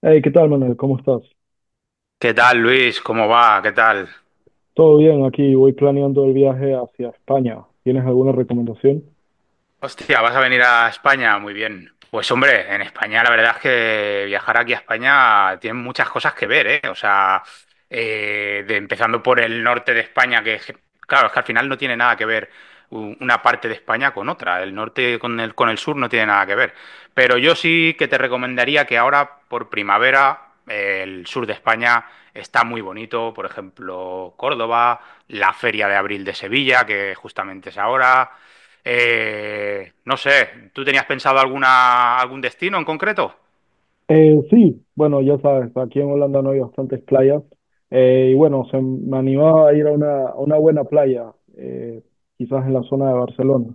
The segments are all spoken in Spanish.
Hey, ¿qué tal, Manuel? ¿Cómo estás? ¿Qué tal, Luis? ¿Cómo va? ¿Qué tal? Todo bien, aquí voy planeando el viaje hacia España. ¿Tienes alguna recomendación? Hostia, ¿vas a venir a España? Muy bien. Pues hombre, en España la verdad es que viajar aquí a España tiene muchas cosas que ver, ¿eh? O sea, empezando por el norte de España, claro, es que al final no tiene nada que ver una parte de España con otra. El norte con con el sur no tiene nada que ver. Pero yo sí que te recomendaría que ahora, por primavera, el sur de España está muy bonito. Por ejemplo, Córdoba, la Feria de Abril de Sevilla, que justamente es ahora. No sé, ¿tú tenías pensado algún destino en concreto? Sí, bueno, ya sabes, aquí en Holanda no hay bastantes playas. Y bueno, se me animaba a ir a una buena playa, eh, quizás en la zona de Barcelona.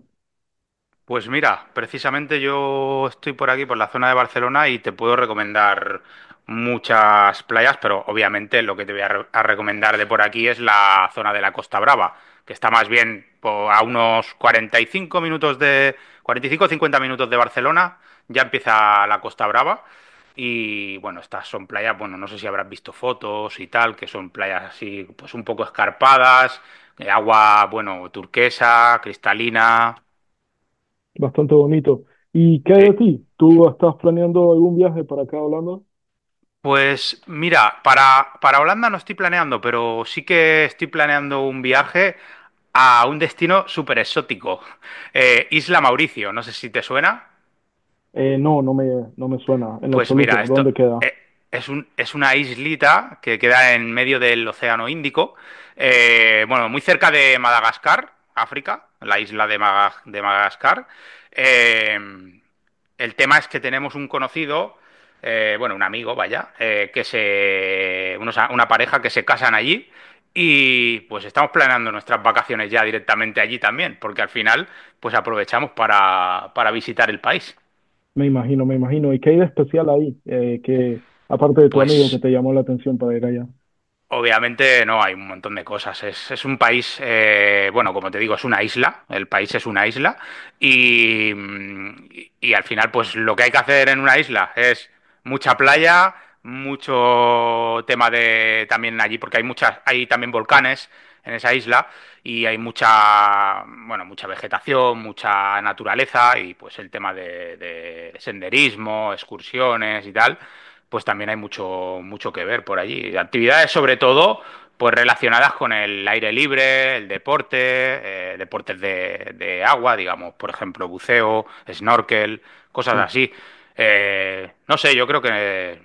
Pues mira, precisamente yo estoy por aquí, por la zona de Barcelona, y te puedo recomendar muchas playas, pero obviamente lo que te voy a recomendar de por aquí es la zona de la Costa Brava, que está más bien a unos 45 minutos, 45 o 50 minutos de Barcelona, ya empieza la Costa Brava. Y bueno, estas son playas, bueno, no sé si habrás visto fotos y tal, que son playas así, pues un poco escarpadas, agua, bueno, turquesa, cristalina, Bastante bonito. ¿Y qué hay sí. de ti? ¿Tú estás planeando algún viaje para acá a Holanda? Pues mira, para Holanda no estoy planeando, pero sí que estoy planeando un viaje a un destino súper exótico, Isla Mauricio, no sé si te suena. No, no me suena en lo Pues mira, absoluto. esto ¿Dónde queda? eh, es es una islita que queda en medio del Océano Índico, bueno, muy cerca de Madagascar, África, la isla de Madagascar. Eh, el tema es que tenemos un conocido, bueno, un amigo, vaya, que se, una pareja que se casan allí y pues estamos planeando nuestras vacaciones ya directamente allí también, porque al final pues aprovechamos para visitar el país. Me imagino, me imagino. ¿Y qué hay de especial ahí? Que aparte de tu amigo que Pues te llamó la atención para ir allá. obviamente no, hay un montón de cosas. Es un país, bueno, como te digo, es una isla, el país es una isla y, y al final pues lo que hay que hacer en una isla es mucha playa, mucho tema de también allí, porque hay muchas, hay también volcanes en esa isla y hay mucha, bueno, mucha vegetación, mucha naturaleza y pues el tema de senderismo, excursiones y tal pues también hay mucho, mucho que ver por allí. Actividades sobre todo pues relacionadas con el aire libre, el deporte, deportes de agua, digamos, por ejemplo, buceo, snorkel, cosas Sí, así. No sé, yo creo que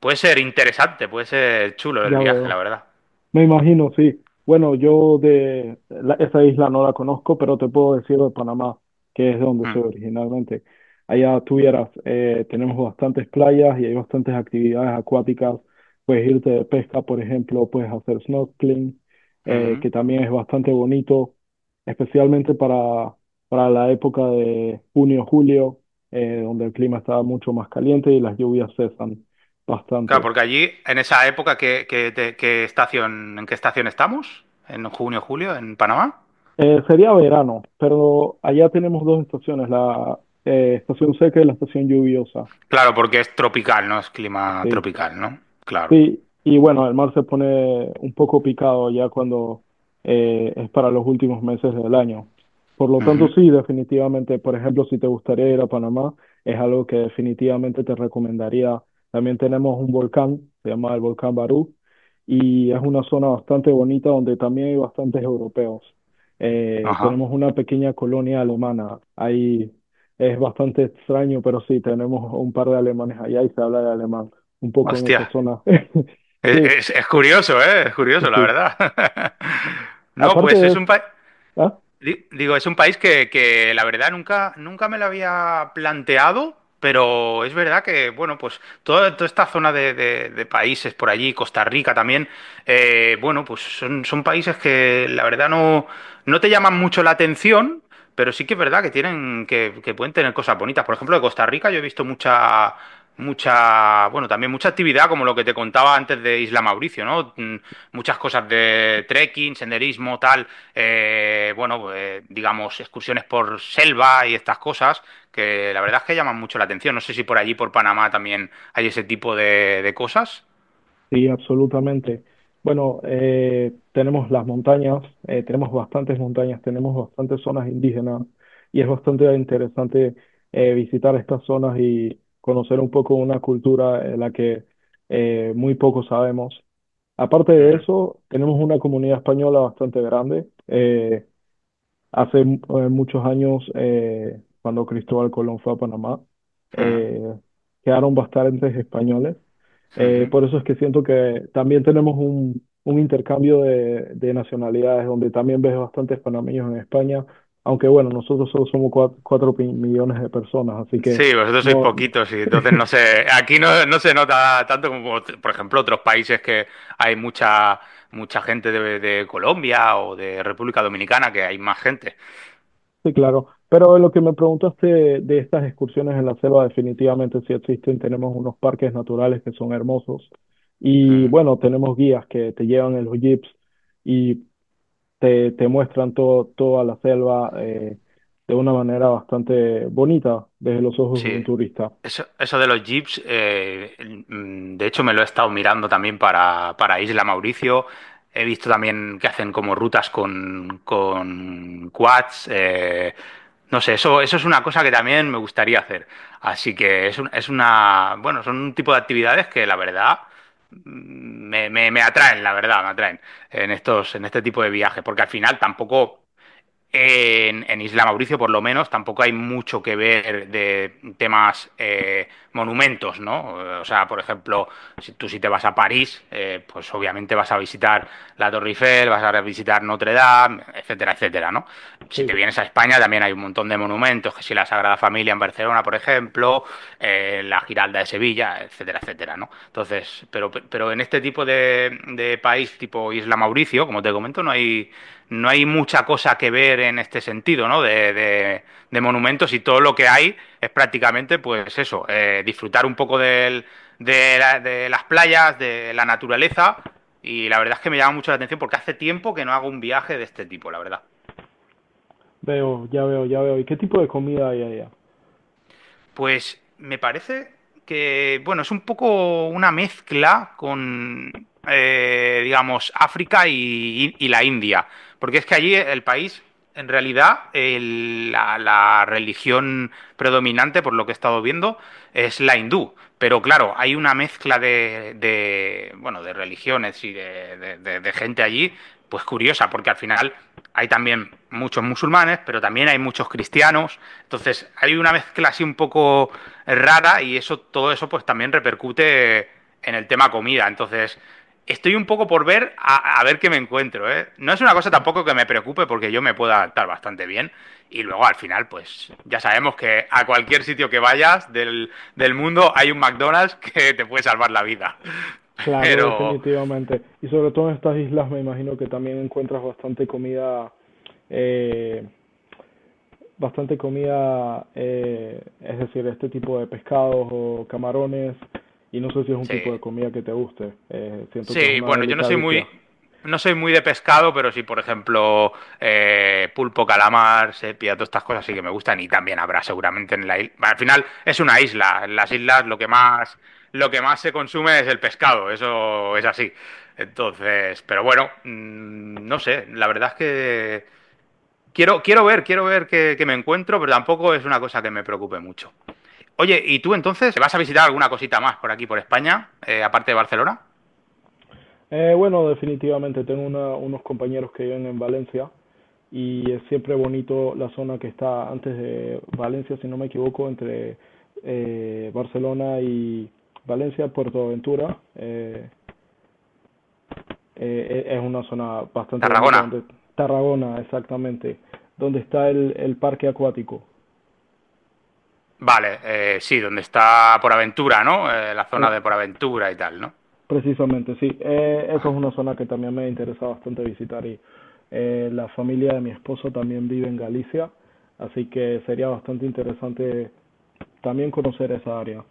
puede ser interesante, puede ser chulo el ya viaje, la veo. verdad. Me imagino, sí. Bueno, yo de la- esa isla no la conozco, pero te puedo decir de Panamá, que es de donde Mm, soy originalmente. Allá tuvieras, tenemos bastantes playas y hay bastantes actividades acuáticas. Puedes irte de pesca, por ejemplo, puedes hacer snorkeling, mhm. que también es bastante bonito, especialmente para la época de junio, julio, donde el clima está mucho más caliente y las lluvias cesan Claro, bastante. porque allí, en esa época, ¿qué estación, ¿en qué estación estamos? ¿En junio, julio, en Panamá? Sería verano, pero allá tenemos dos estaciones, la estación seca y la estación lluviosa. Claro, porque es tropical, no es clima Sí. tropical, ¿no? Claro. Sí, y bueno, el mar se pone un poco picado ya cuando es para los últimos meses del año. Por lo tanto, Ujú, sí, definitivamente, por ejemplo, si te gustaría ir a Panamá, es algo que definitivamente te recomendaría. También tenemos un volcán, se llama el volcán Barú, y es una zona bastante bonita donde también hay bastantes europeos. Ajá. Tenemos una pequeña colonia alemana, ahí es bastante extraño, pero sí, tenemos un par de alemanes allá y se habla de alemán un poco en Hostia. esa zona. Sí, Es curioso, ¿eh? Es curioso, la sí. verdad. No, Aparte pues es es, un país. ah, Digo, es un país que la verdad nunca, nunca me lo había planteado, pero es verdad que, bueno, pues toda, toda esta zona de, de países por allí, Costa Rica también, bueno, pues son, son países que la verdad no, no te llaman mucho la atención, pero sí que es verdad que tienen, que pueden tener cosas bonitas. Por ejemplo, de Costa Rica yo he visto mucha, mucha, bueno, también mucha actividad, como lo que te contaba antes de Isla Mauricio, ¿no? Mm, muchas cosas de trekking, senderismo, tal bueno, pues, digamos, excursiones por selva y estas cosas, que la verdad es que llaman mucho la atención. No sé si por allí, por Panamá, también hay ese tipo de cosas. sí, absolutamente. Bueno, tenemos las montañas, tenemos bastantes montañas, tenemos bastantes zonas indígenas y es bastante interesante visitar estas zonas y conocer un poco una cultura de la que muy poco sabemos. Aparte de Ujú, eso, tenemos una comunidad española bastante grande. Hace muchos años, cuando Cristóbal Colón fue a Panamá, ujú, eh, quedaron bastantes españoles. Ujú. Por eso es que siento que también tenemos un intercambio de nacionalidades, donde también ves bastantes panameños en España, aunque bueno, nosotros solo somos cuatro, pi- millones de personas, así que Sí, vosotros sois no, poquitos y entonces no sé, aquí no, no se nota tanto como, por ejemplo, otros países que hay mucha, mucha gente de Colombia o de República Dominicana, que hay más gente. sí, claro. Pero lo que me preguntaste de estas excursiones en la selva, definitivamente sí existen. Tenemos unos parques naturales que son hermosos. Y Mm. bueno, tenemos guías que te llevan en los jeeps y te muestran todo, toda la selva de una manera bastante bonita desde los ojos de un Sí, turista. eso de los jeeps, de hecho me lo he estado mirando también para Isla Mauricio. He visto también que hacen como rutas con quads. No sé, eso es una cosa que también me gustaría hacer. Así que es una, bueno, son un tipo de actividades que la verdad mm, me, me atraen, la verdad, me atraen en estos, en este tipo de viajes, porque al final tampoco. En Isla Mauricio, por lo menos, tampoco hay mucho que ver de temas monumentos, ¿no? O sea, por ejemplo, si te vas a París, pues obviamente vas a visitar la Torre Eiffel, vas a visitar Notre Dame, etcétera, etcétera, ¿no? Si Sí, te vienes a España también hay un montón de monumentos, que si la Sagrada Familia en Barcelona, por ejemplo, la Giralda de Sevilla, etcétera, etcétera, ¿no? Entonces, pero en este tipo de país, tipo Isla Mauricio, como te comento, no hay no hay mucha cosa que ver en este sentido, ¿no? De monumentos y todo lo que hay es prácticamente, pues eso, disfrutar un poco de las playas, de la naturaleza. Y la verdad es que me llama mucho la atención porque hace tiempo que no hago un viaje de este tipo, la verdad. veo, ya veo, ya veo. ¿Y qué tipo de comida hay allá? Pues me parece que, bueno, es un poco una mezcla con, digamos, África y la India, porque es que allí el país, en realidad, la religión predominante, por lo que he estado viendo, es la hindú. Pero claro, hay una mezcla de, bueno, de religiones y de gente allí, pues curiosa, porque al final hay también muchos musulmanes, pero también hay muchos cristianos. Entonces, hay una mezcla así un poco rara y eso, todo eso pues también repercute en el tema comida. Entonces, estoy un poco por ver a ver qué me encuentro, ¿eh? No es una cosa tampoco que me preocupe porque yo me puedo adaptar bastante bien. Y luego al final, pues ya sabemos que a cualquier sitio que vayas del mundo hay un McDonald's que te puede salvar la vida. Claro, Pero definitivamente. Y sobre todo en estas islas me imagino que también encuentras bastante comida. eh, Bastante comida, es decir, este tipo de pescados o camarones, y no sé si es un sí, tipo de comida que te guste, siento que es sí, una bueno, yo no soy delicacia. muy, no soy muy de pescado, pero sí, por ejemplo, pulpo, calamar, sepia, todas estas cosas sí que me gustan y también habrá seguramente en la isla. Al final es una isla, en las islas lo que más se consume es el pescado, eso es así. Entonces, pero bueno, no sé, la verdad es que quiero, quiero ver qué, qué me encuentro, pero tampoco es una cosa que me preocupe mucho. Oye, ¿y tú entonces vas a visitar alguna cosita más por aquí, por España, aparte de Barcelona? Bueno, definitivamente tengo una- unos compañeros que viven en Valencia y es siempre bonito la zona que está antes de Valencia, si no me equivoco, entre Barcelona y Valencia, Puerto Ventura. Es una zona bastante bonita Tarragona. donde Tarragona, exactamente, donde está el parque acuático. Vale, sí, donde está por aventura, ¿no? La Eh, zona de por aventura y tal, ¿no? Precisamente, sí. Eso es Ajá, una zona que también me interesa bastante visitar y la familia de mi esposo también vive en Galicia, así que sería bastante interesante también conocer esa área.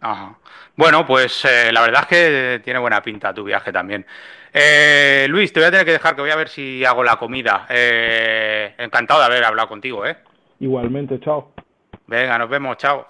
ajá. Bueno, pues la verdad es que tiene buena pinta tu viaje también. Luis, te voy a tener que dejar que voy a ver si hago la comida. Encantado de haber hablado contigo, ¿eh? Igualmente, chao. Venga, nos vemos, chao.